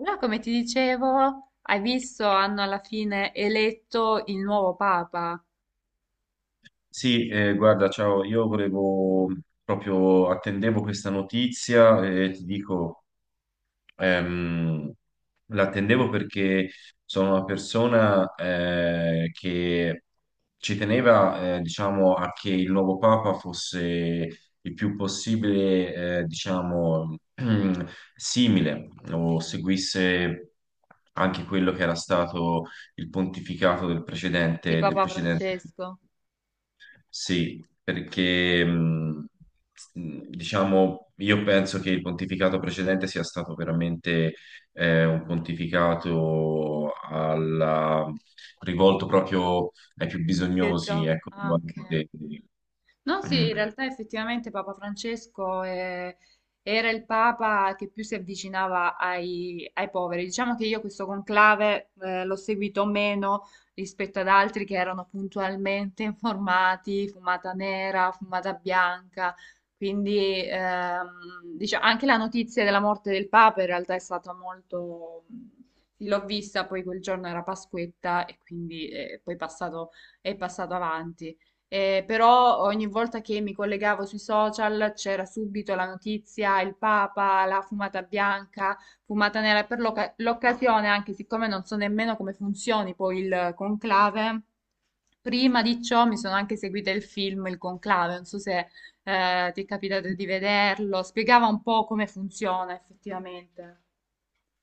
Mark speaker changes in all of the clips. Speaker 1: Allora, come ti dicevo, hai visto, hanno alla fine eletto il nuovo Papa
Speaker 2: Sì, guarda, ciao, io volevo proprio attendevo questa notizia e ti dico, ehm, l'attendevo perché sono una persona che ci teneva, diciamo, a che il nuovo Papa fosse il più possibile, diciamo, simile o seguisse anche quello che era stato il pontificato del
Speaker 1: di
Speaker 2: precedente, del
Speaker 1: Papa
Speaker 2: precedente.
Speaker 1: Francesco.
Speaker 2: Sì, perché diciamo, io penso che il pontificato precedente sia stato veramente un pontificato rivolto proprio ai più
Speaker 1: Pier
Speaker 2: bisognosi,
Speaker 1: Gio-
Speaker 2: ecco,
Speaker 1: Ah, ok.
Speaker 2: dei-
Speaker 1: No, sì, in
Speaker 2: mm.
Speaker 1: realtà effettivamente Papa Francesco era il Papa che più si avvicinava ai poveri. Diciamo che io questo conclave l'ho seguito meno rispetto ad altri che erano puntualmente informati, fumata nera, fumata bianca. Quindi diciamo, anche la notizia della morte del Papa in realtà è stata molto... sì, l'ho vista, poi quel giorno era Pasquetta e quindi poi è passato avanti. Però ogni volta che mi collegavo sui social c'era subito la notizia, il Papa, la fumata bianca, fumata nera. Per l'occasione, anche siccome non so nemmeno come funzioni poi il conclave, prima di ciò mi sono anche seguita il film Il Conclave. Non so se ti è capitato di vederlo, spiegava un po' come funziona effettivamente.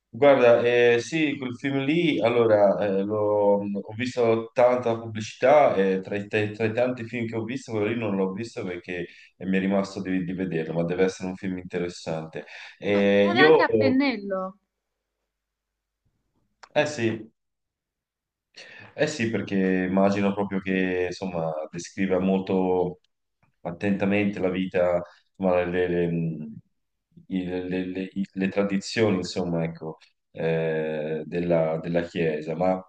Speaker 2: Guarda, sì, quel film lì, allora, ho visto tanta pubblicità e tra i tanti film che ho visto, quello lì non l'ho visto perché mi è rimasto di vederlo, ma deve essere un film interessante.
Speaker 1: No,
Speaker 2: Eh,
Speaker 1: ed è anche
Speaker 2: io,
Speaker 1: a pennello
Speaker 2: eh sì, eh sì, perché immagino proprio che, insomma, descriva molto attentamente la vita, insomma, le tradizioni, insomma, ecco, della Chiesa, ma.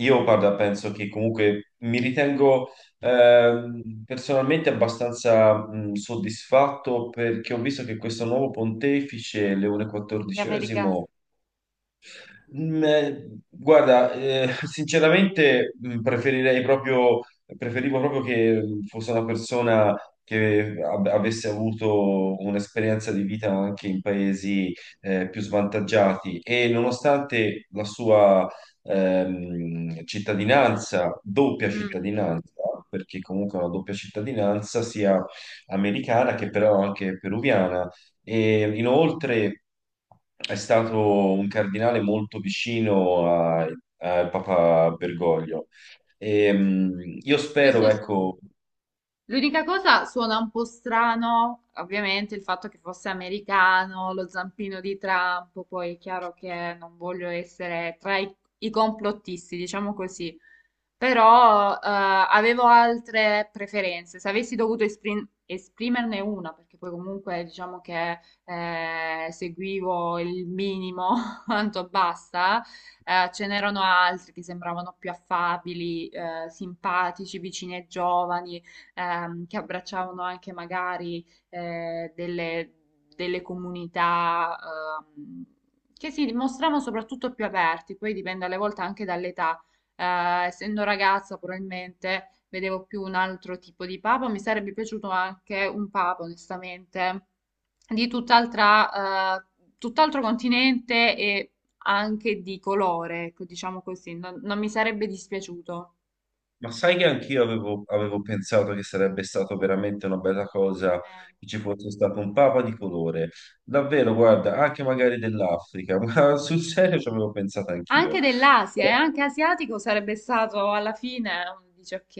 Speaker 2: Io, guarda, penso che comunque mi ritengo personalmente abbastanza soddisfatto perché ho visto che questo nuovo pontefice, Leone
Speaker 1: gli americani.
Speaker 2: XIV. Mm. Guarda, sinceramente preferivo proprio che fosse una persona che avesse avuto un'esperienza di vita anche in paesi più svantaggiati e nonostante la sua cittadinanza, doppia
Speaker 1: Mm.
Speaker 2: cittadinanza, perché comunque è una doppia cittadinanza sia americana che però anche peruviana e inoltre è stato un cardinale molto vicino a Papa Bergoglio. E, io spero,
Speaker 1: Questo sì.
Speaker 2: ecco,
Speaker 1: L'unica cosa suona un po' strano, ovviamente, il fatto che fosse americano, lo zampino di Trump, poi è chiaro che non voglio essere i complottisti, diciamo così, però avevo altre preferenze. Se avessi dovuto esprimerne una, perché poi comunque diciamo che seguivo il minimo quanto basta, ce n'erano altri che sembravano più affabili, simpatici, vicini ai giovani che abbracciavano anche magari delle, delle comunità ehm, che si dimostravano soprattutto più aperti, poi dipende alle volte anche dall'età. Essendo ragazza, probabilmente vedevo più un altro tipo di papa. Mi sarebbe piaciuto anche un papa, onestamente, di tutt'altro continente e anche di colore, ecco, diciamo così. Non mi sarebbe dispiaciuto.
Speaker 2: ma sai che anch'io avevo pensato che sarebbe stato veramente una bella cosa
Speaker 1: Eh.
Speaker 2: che ci fosse stato un papa di colore. Davvero, guarda, anche magari dell'Africa, ma sul serio ci avevo pensato
Speaker 1: Anche
Speaker 2: anch'io.
Speaker 1: dell'Asia, e anche asiatico sarebbe stato alla fine, dice ok.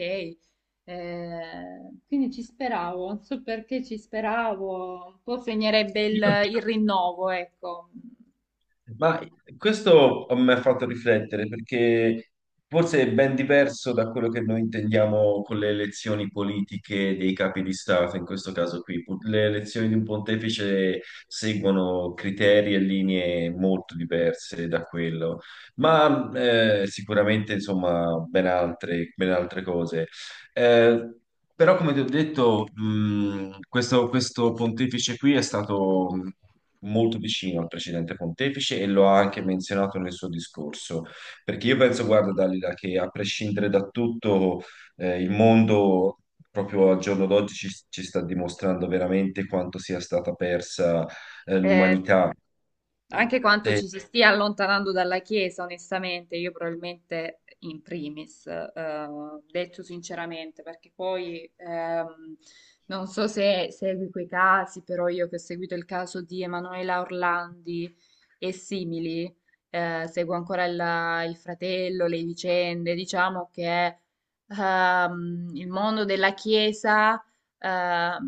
Speaker 1: Quindi ci speravo, non so perché ci speravo, un po' segnerebbe
Speaker 2: Io
Speaker 1: il rinnovo, ecco.
Speaker 2: Ma questo mi ha fatto riflettere perché forse è ben diverso da quello che noi intendiamo con le elezioni politiche dei capi di Stato, in questo caso qui. Le elezioni di un pontefice seguono criteri e linee molto diverse da quello, ma sicuramente insomma ben altre cose. Eh, però, come ti ho detto, questo pontefice qui è stato molto vicino al precedente pontefice e lo ha anche menzionato nel suo discorso. Perché io penso, guarda, Dalila, che a prescindere da tutto, il mondo proprio al giorno d'oggi ci sta dimostrando veramente quanto sia stata persa,
Speaker 1: Eh,
Speaker 2: l'umanità.
Speaker 1: anche quanto ci
Speaker 2: E-
Speaker 1: si stia allontanando dalla Chiesa, onestamente, io probabilmente in primis, detto sinceramente, perché poi non so se segui quei casi, però io che ho seguito il caso di Emanuela Orlandi e simili, seguo ancora il fratello, le vicende, diciamo che il mondo della Chiesa ehm,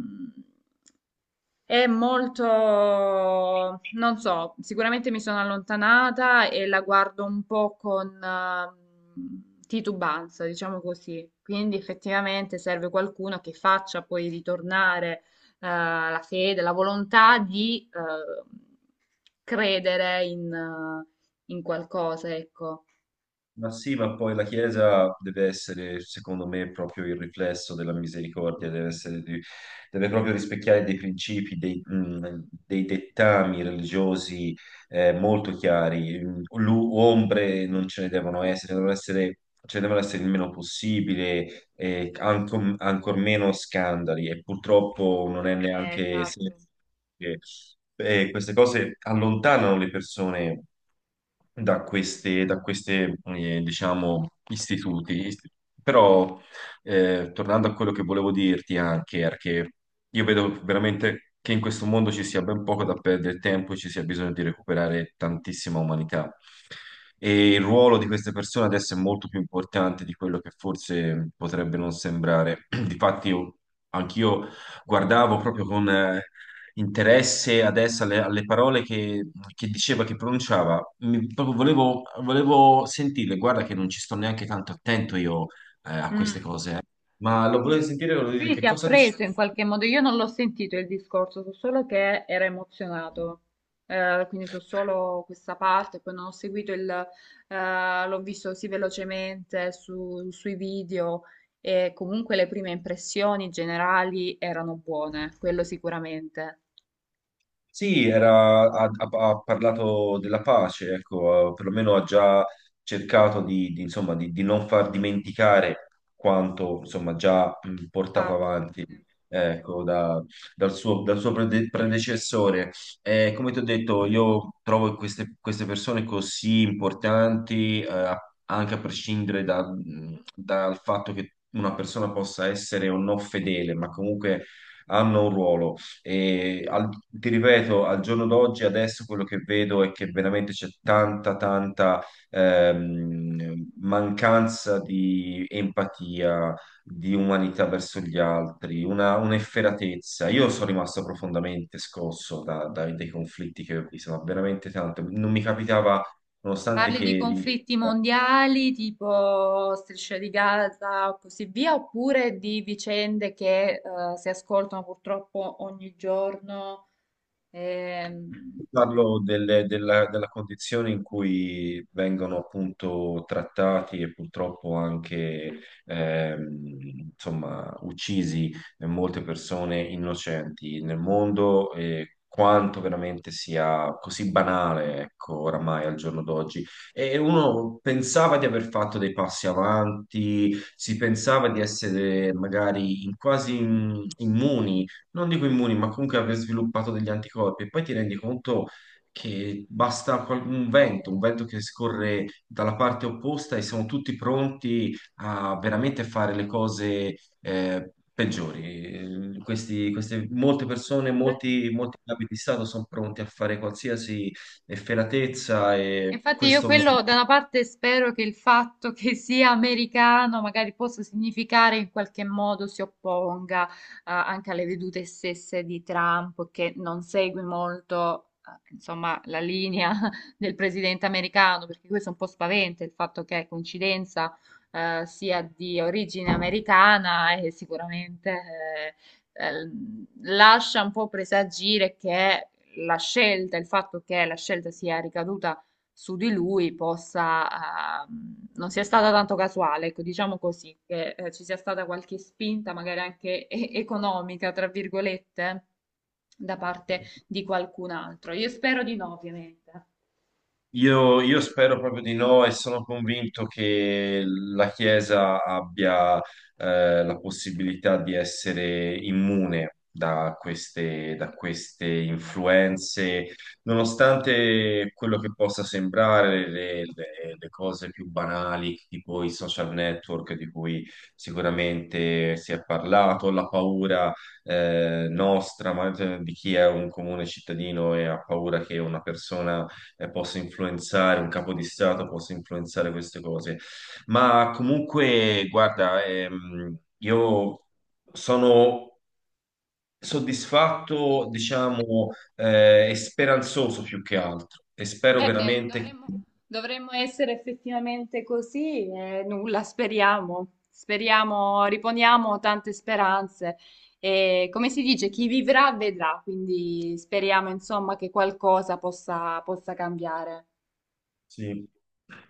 Speaker 1: è molto, non so, sicuramente mi sono allontanata e la guardo un po' con titubanza, diciamo così. Quindi effettivamente serve qualcuno che faccia poi ritornare la fede, la volontà di credere in qualcosa, ecco.
Speaker 2: Ma sì, ma poi la Chiesa deve essere, secondo me, proprio il riflesso della misericordia, deve proprio rispecchiare dei principi, dei dettami religiosi molto chiari. Ombre non ce ne devono essere, ce ne devono essere il meno possibile, e ancor meno scandali e purtroppo non è neanche
Speaker 1: Esatto.
Speaker 2: semplice. Queste cose allontanano le persone da queste diciamo, istituti. Però, tornando a quello che volevo dirti anche, era che io vedo veramente che in questo mondo ci sia ben poco da perdere tempo e ci sia bisogno di recuperare tantissima umanità. E il ruolo di queste persone adesso è molto più importante di quello che forse potrebbe non sembrare. Difatti, io, anch'io guardavo proprio con interesse adesso alle parole che diceva, che pronunciava. Proprio volevo sentirle. Guarda che non ci sto neanche tanto attento io a queste
Speaker 1: Mm.
Speaker 2: cose. Ma lo volevo sentire, volevo dire
Speaker 1: Quindi
Speaker 2: che
Speaker 1: ti ha
Speaker 2: cosa dici?
Speaker 1: preso in qualche modo, io non l'ho sentito il discorso, so solo che era emozionato, eh, quindi so solo questa parte, poi non ho seguito l'ho visto così velocemente sui video e comunque le prime impressioni generali erano buone, quello sicuramente.
Speaker 2: Sì, ha parlato della pace, ecco, perlomeno ha già cercato insomma, di non far dimenticare quanto insomma, già portato
Speaker 1: Infatti,
Speaker 2: avanti ecco, dal suo predecessore. Come ti ho detto, io trovo queste persone così importanti, anche a prescindere dal fatto che una persona possa essere o no fedele, ma comunque hanno un ruolo e ti ripeto, al giorno d'oggi, adesso quello che vedo è che veramente c'è tanta, tanta mancanza di empatia, di umanità verso gli altri, un'efferatezza. Io sono rimasto profondamente scosso dai conflitti che ho visto, ma veramente tanto. Non mi capitava, nonostante
Speaker 1: parli di
Speaker 2: che.
Speaker 1: conflitti mondiali tipo Striscia di Gaza o così via, oppure di vicende che si ascoltano purtroppo ogni giorno? Ehm,
Speaker 2: Parlo della condizione in cui vengono appunto trattati e purtroppo anche ehm, insomma, uccisi molte persone innocenti nel mondo e quanto veramente sia così banale, ecco, oramai al giorno d'oggi. E uno pensava di aver fatto dei passi avanti, si pensava di essere magari quasi immuni non dico immuni, ma comunque aver sviluppato degli anticorpi. E poi ti rendi conto che basta un vento che scorre dalla parte opposta e siamo tutti pronti a veramente fare le cose peggiori. Molte persone,
Speaker 1: que-
Speaker 2: molti capi di Stato sono pronti a fare qualsiasi efferatezza e
Speaker 1: Infatti io
Speaker 2: questo mi.
Speaker 1: quello da una parte spero che il fatto che sia americano magari possa significare in qualche modo si opponga anche alle vedute stesse di Trump che non segue molto insomma la linea del presidente americano perché questo è un po' spaventa il fatto che coincidenza sia di origine americana e sicuramente eh, eh, lascia un po' presagire che la scelta, il fatto che la scelta sia ricaduta su di lui possa, non sia stata tanto casuale, ecco, diciamo così, che ci sia stata qualche spinta, magari anche economica, tra virgolette, da parte di qualcun altro. Io spero di no, ovviamente.
Speaker 2: Io spero proprio di no e sono convinto che la Chiesa abbia la possibilità di essere immune da queste influenze, nonostante quello che possa sembrare le cose più banali, tipo i social network di cui sicuramente si è parlato, la paura nostra, ma cioè, di chi è un comune cittadino e ha paura che una persona possa influenzare, un capo di Stato possa influenzare queste cose. Ma comunque, guarda, io sono
Speaker 1: Mm.
Speaker 2: soddisfatto, diciamo, e speranzoso più che altro e spero
Speaker 1: Eh beh,
Speaker 2: veramente che.
Speaker 1: dovremmo, dovremmo essere effettivamente così e nulla, speriamo. Speriamo, riponiamo tante speranze e come si dice, chi vivrà vedrà, quindi speriamo insomma che qualcosa possa, possa cambiare.
Speaker 2: Sì.